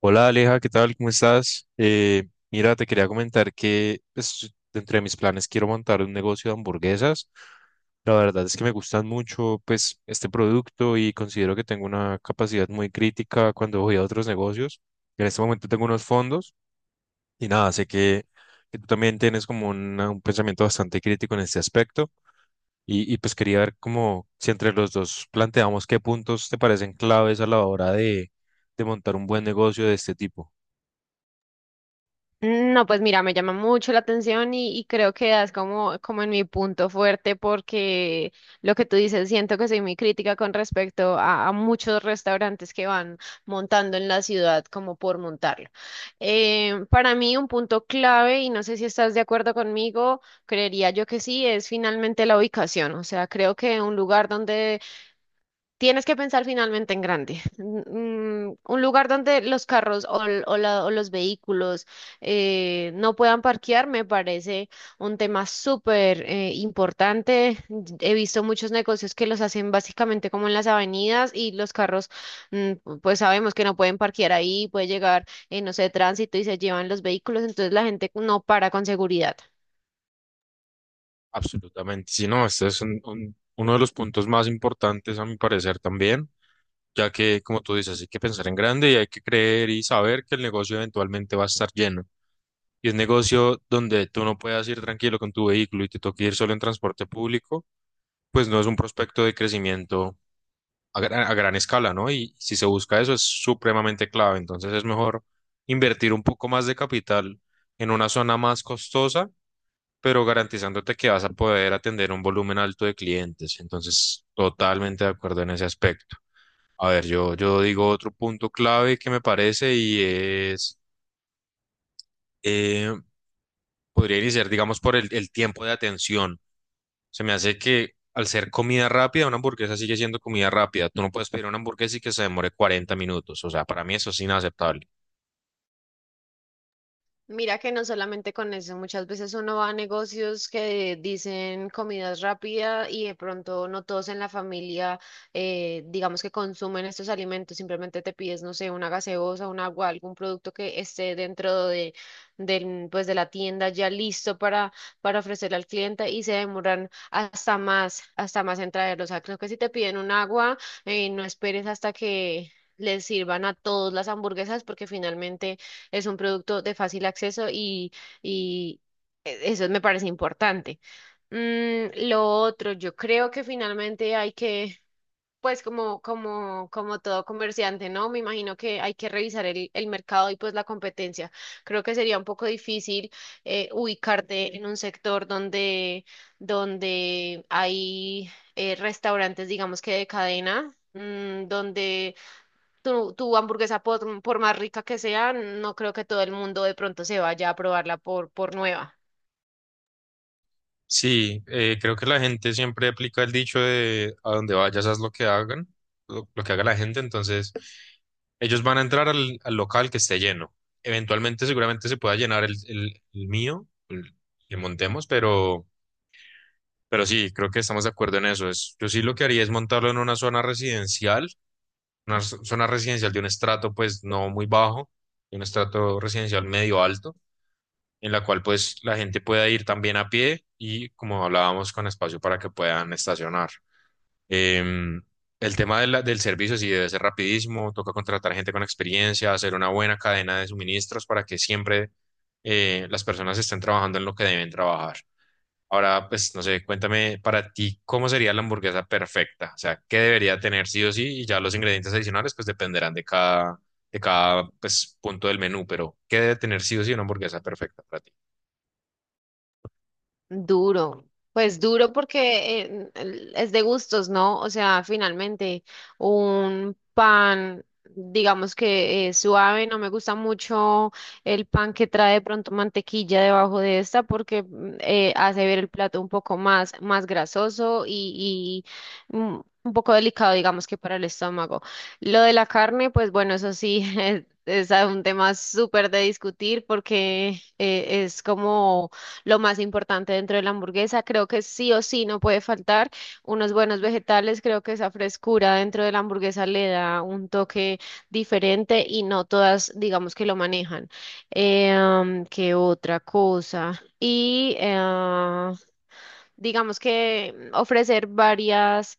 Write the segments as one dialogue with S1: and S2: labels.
S1: Hola Aleja, ¿qué tal? ¿Cómo estás? Mira, te quería comentar que pues, dentro mis planes quiero montar un negocio de hamburguesas. La verdad es que me gustan mucho pues este producto y considero que tengo una capacidad muy crítica cuando voy a otros negocios. En este momento tengo unos fondos y nada, que tú también tienes como un pensamiento bastante crítico en este aspecto y pues quería ver como si entre los dos planteamos qué puntos te parecen claves a la hora de montar un buen negocio de este tipo.
S2: No, pues mira, me llama mucho la atención y creo que das como, como en mi punto fuerte porque lo que tú dices, siento que soy muy crítica con respecto a muchos restaurantes que van montando en la ciudad como por montarlo. Para mí un punto clave, y no sé si estás de acuerdo conmigo, creería yo que sí, es finalmente la ubicación. O sea, creo que un lugar donde tienes que pensar finalmente en grande. Un lugar donde los carros o, l- o la- o los vehículos no puedan parquear me parece un tema súper importante. He visto muchos negocios que los hacen básicamente como en las avenidas y los carros, pues sabemos que no pueden parquear ahí, puede llegar, no sé, tránsito y se llevan los vehículos, entonces la gente no para con seguridad.
S1: Absolutamente. Sí, no, este es uno de los puntos más importantes a mi parecer también, ya que, como tú dices, hay que pensar en grande y hay que creer y saber que el negocio eventualmente va a estar lleno. Y un negocio donde tú no puedas ir tranquilo con tu vehículo y te toque ir solo en transporte público, pues no es un prospecto de crecimiento a gran escala, ¿no? Y si se busca eso es supremamente clave. Entonces es mejor invertir un poco más de capital en una zona más costosa pero garantizándote que vas a poder atender un volumen alto de clientes. Entonces, totalmente de acuerdo en ese aspecto. A ver, yo digo otro punto clave que me parece y es, eh, podría iniciar, digamos, por el tiempo de atención. Se me hace que al ser comida rápida, una hamburguesa sigue siendo comida rápida. Tú no puedes pedir una hamburguesa y que se demore 40 minutos. O sea, para mí eso es inaceptable.
S2: Mira que no solamente con eso, muchas veces uno va a negocios que dicen comidas rápidas y de pronto no todos en la familia, digamos que consumen estos alimentos, simplemente te pides, no sé, una gaseosa, un agua, algún producto que esté dentro de pues de la tienda ya listo para ofrecerle al cliente y se demoran hasta más en traerlos. O sea, creo que si te piden un agua, no esperes hasta que les sirvan a todos las hamburguesas porque finalmente es un producto de fácil acceso y eso me parece importante. Lo otro, yo creo que finalmente hay que, pues como todo comerciante, ¿no? Me imagino que hay que revisar el mercado y pues la competencia. Creo que sería un poco difícil ubicarte en un sector donde hay restaurantes, digamos que de cadena. Donde tu hamburguesa, por más rica que sea, no creo que todo el mundo de pronto se vaya a probarla por nueva.
S1: Sí, creo que la gente siempre aplica el dicho de a donde vayas haz lo que hagan, lo que haga la gente, entonces ellos van a entrar al local que esté lleno. Eventualmente seguramente se pueda llenar el mío, el que montemos, pero sí, creo que estamos de acuerdo en eso. Es, yo sí lo que haría es montarlo en una zona residencial, zona residencial de un estrato pues no muy bajo, de un estrato residencial medio alto en la cual pues la gente pueda ir también a pie y como hablábamos con espacio para que puedan estacionar. Em, el tema de del servicio sí debe ser rapidísimo, toca contratar gente con experiencia, hacer una buena cadena de suministros para que siempre las personas estén trabajando en lo que deben trabajar. Ahora, pues no sé, cuéntame para ti, ¿cómo sería la hamburguesa perfecta? O sea, ¿qué debería tener sí o sí? Y ya los ingredientes adicionales pues dependerán de de cada pues, punto del menú, pero ¿qué debe tener sí o sí una hamburguesa perfecta para ti?
S2: Duro, pues duro porque es de gustos, ¿no? O sea, finalmente un pan, digamos que es suave, no me gusta mucho el pan que trae de pronto mantequilla debajo de esta porque hace ver el plato un poco más, más grasoso y, un poco delicado, digamos que para el estómago. Lo de la carne, pues bueno, eso sí, es un tema súper de discutir porque es como lo más importante dentro de la hamburguesa. Creo que sí o sí no puede faltar unos buenos vegetales. Creo que esa frescura dentro de la hamburguesa le da un toque diferente y no todas, digamos que lo manejan. ¿Qué otra cosa? Digamos que ofrecer varias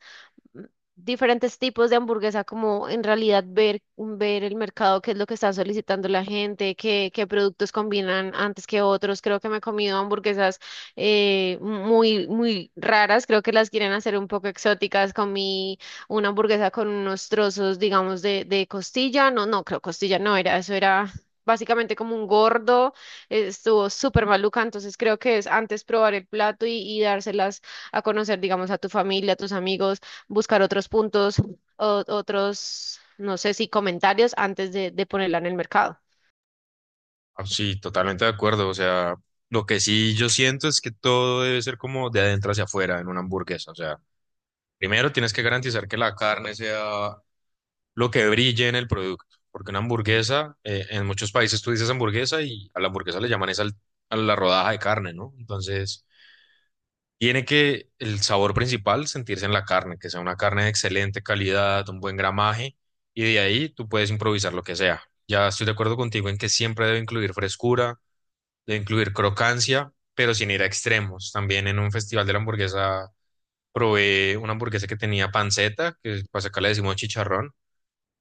S2: diferentes tipos de hamburguesa, como en realidad ver, ver el mercado, qué es lo que está solicitando la gente, qué, qué productos combinan antes que otros. Creo que me he comido hamburguesas muy, muy raras, creo que las quieren hacer un poco exóticas. Comí una hamburguesa con unos trozos, digamos, de costilla. No, no, creo costilla no era, eso era... Básicamente como un gordo, estuvo súper maluca, entonces creo que es antes probar el plato y dárselas a conocer, digamos, a tu familia, a tus amigos, buscar otros puntos, otros, no sé si comentarios antes de ponerla en el mercado.
S1: Ah, sí, totalmente de acuerdo. O sea, lo que sí yo siento es que todo debe ser como de adentro hacia afuera en una hamburguesa. O sea, primero tienes que garantizar que la carne sea lo que brille en el producto. Porque una hamburguesa, en muchos países tú dices hamburguesa y a la hamburguesa le llaman es a la rodaja de carne, ¿no? Entonces, tiene que el sabor principal sentirse en la carne, que sea una carne de excelente calidad, un buen gramaje, y de ahí tú puedes improvisar lo que sea. Ya estoy de acuerdo contigo en que siempre debe incluir frescura de incluir crocancia, pero sin ir a extremos. También en un festival de la hamburguesa probé una hamburguesa que tenía panceta, que para acá le decimos chicharrón,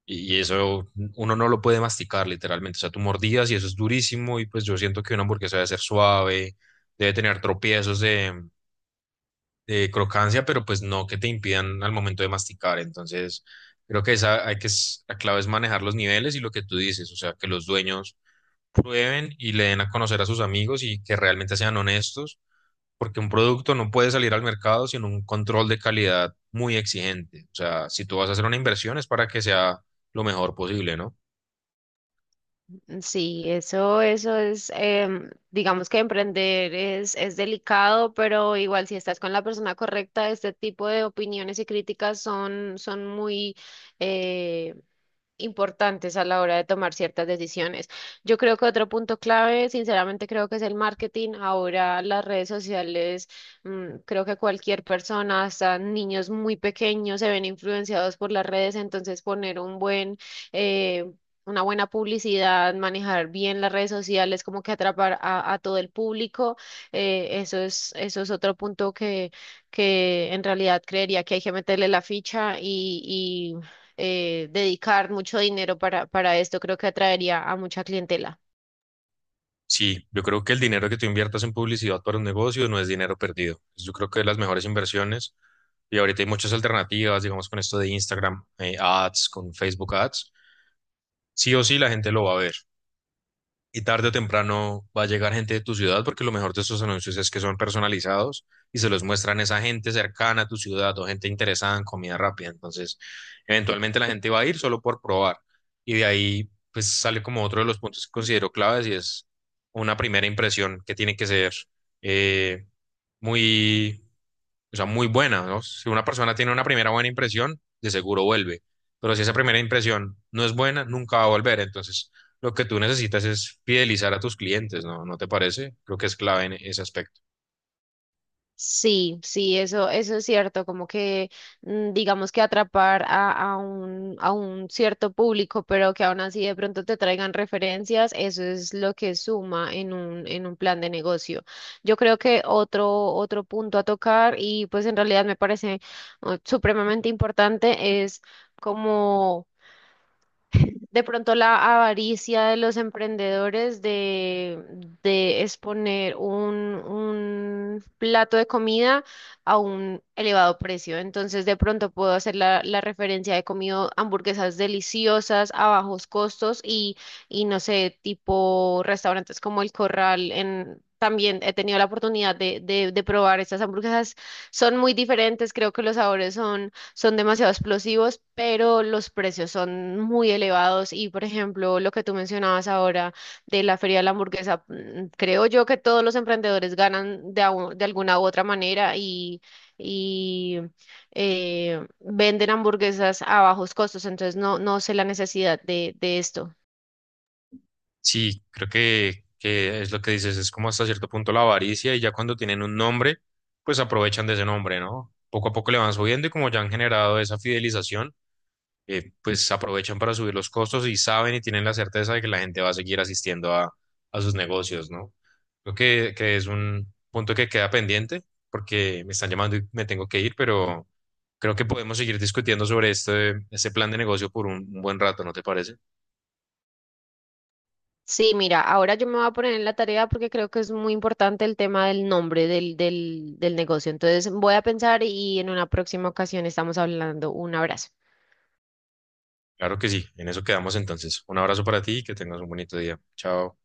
S1: y eso uno no lo puede masticar literalmente. O sea, tú mordías y eso es durísimo, y pues yo siento que una hamburguesa debe ser suave, debe tener tropiezos de crocancia, pero pues no que te impidan al momento de masticar. Entonces, creo que esa hay la clave es manejar los niveles y lo que tú dices, o sea, que los dueños prueben y le den a conocer a sus amigos y que realmente sean honestos, porque un producto no puede salir al mercado sin un control de calidad muy exigente. O sea, si tú vas a hacer una inversión es para que sea lo mejor posible, ¿no?
S2: Sí, eso es, digamos que emprender es delicado, pero igual si estás con la persona correcta, este tipo de opiniones y críticas son, son muy, eh, importantes a la hora de tomar ciertas decisiones. Yo creo que otro punto clave, sinceramente creo que es el marketing. Ahora las redes sociales, creo que cualquier persona, hasta niños muy pequeños, se ven influenciados por las redes, entonces poner un buen eh, una buena publicidad, manejar bien las redes sociales, como que atrapar a todo el público. Eso es, eso es otro punto que en realidad creería que hay que meterle la ficha y, dedicar mucho dinero para esto, creo que atraería a mucha clientela.
S1: Sí, yo creo que el dinero que tú inviertas en publicidad para un negocio no es dinero perdido. Yo creo que de las mejores inversiones, y ahorita hay muchas alternativas, digamos, con esto de Instagram, ads, con Facebook ads, sí o sí la gente lo va a ver. Y tarde o temprano va a llegar gente de tu ciudad, porque lo mejor de estos anuncios es que son personalizados y se los muestran a esa gente cercana a tu ciudad o gente interesada en comida rápida. Entonces, eventualmente la gente va a ir solo por probar. Y de ahí, pues sale como otro de los puntos que considero claves y es una primera impresión que tiene que ser eh, muy muy buena, ¿no? Si una persona tiene una primera buena impresión, de seguro vuelve. Pero si esa primera impresión no es buena, nunca va a volver. Entonces, lo que tú necesitas es fidelizar a tus clientes, ¿no? ¿No te parece? Creo que es clave en ese aspecto.
S2: Sí, sí, eso es cierto, como que digamos que atrapar a un cierto público, pero que aún así de pronto te traigan referencias, eso es lo que suma en un plan de negocio. Yo creo que otro, otro punto a tocar, y pues en realidad me parece supremamente importante, es como de pronto la avaricia de los emprendedores de exponer un plato de comida a un elevado precio. Entonces, de pronto puedo hacer la, la referencia, he comido hamburguesas deliciosas a bajos costos y no sé, tipo restaurantes como El Corral en... También he tenido la oportunidad de probar estas hamburguesas. Son muy diferentes, creo que los sabores son demasiado explosivos, pero los precios son muy elevados y, por ejemplo, lo que tú mencionabas ahora de la feria de la hamburguesa, creo yo que todos los emprendedores ganan de alguna u otra manera y venden hamburguesas a bajos costos, entonces no, no sé la necesidad de esto.
S1: Sí, creo que es lo que dices, es como hasta cierto punto la avaricia y ya cuando tienen un nombre, pues aprovechan de ese nombre, ¿no? Poco a poco le van subiendo y como ya han generado esa fidelización pues aprovechan para subir los costos y saben y tienen la certeza de que la gente va a seguir asistiendo a sus negocios, ¿no? Creo que es un punto que queda pendiente porque me están llamando y me tengo que ir, pero creo que podemos seguir discutiendo sobre este plan de negocio por un buen rato, ¿no te parece?
S2: Sí, mira, ahora yo me voy a poner en la tarea porque creo que es muy importante el tema del nombre del negocio. Entonces voy a pensar y en una próxima ocasión estamos hablando. Un abrazo.
S1: Claro que sí, en eso quedamos entonces. Un abrazo para ti y que tengas un bonito día. Chao.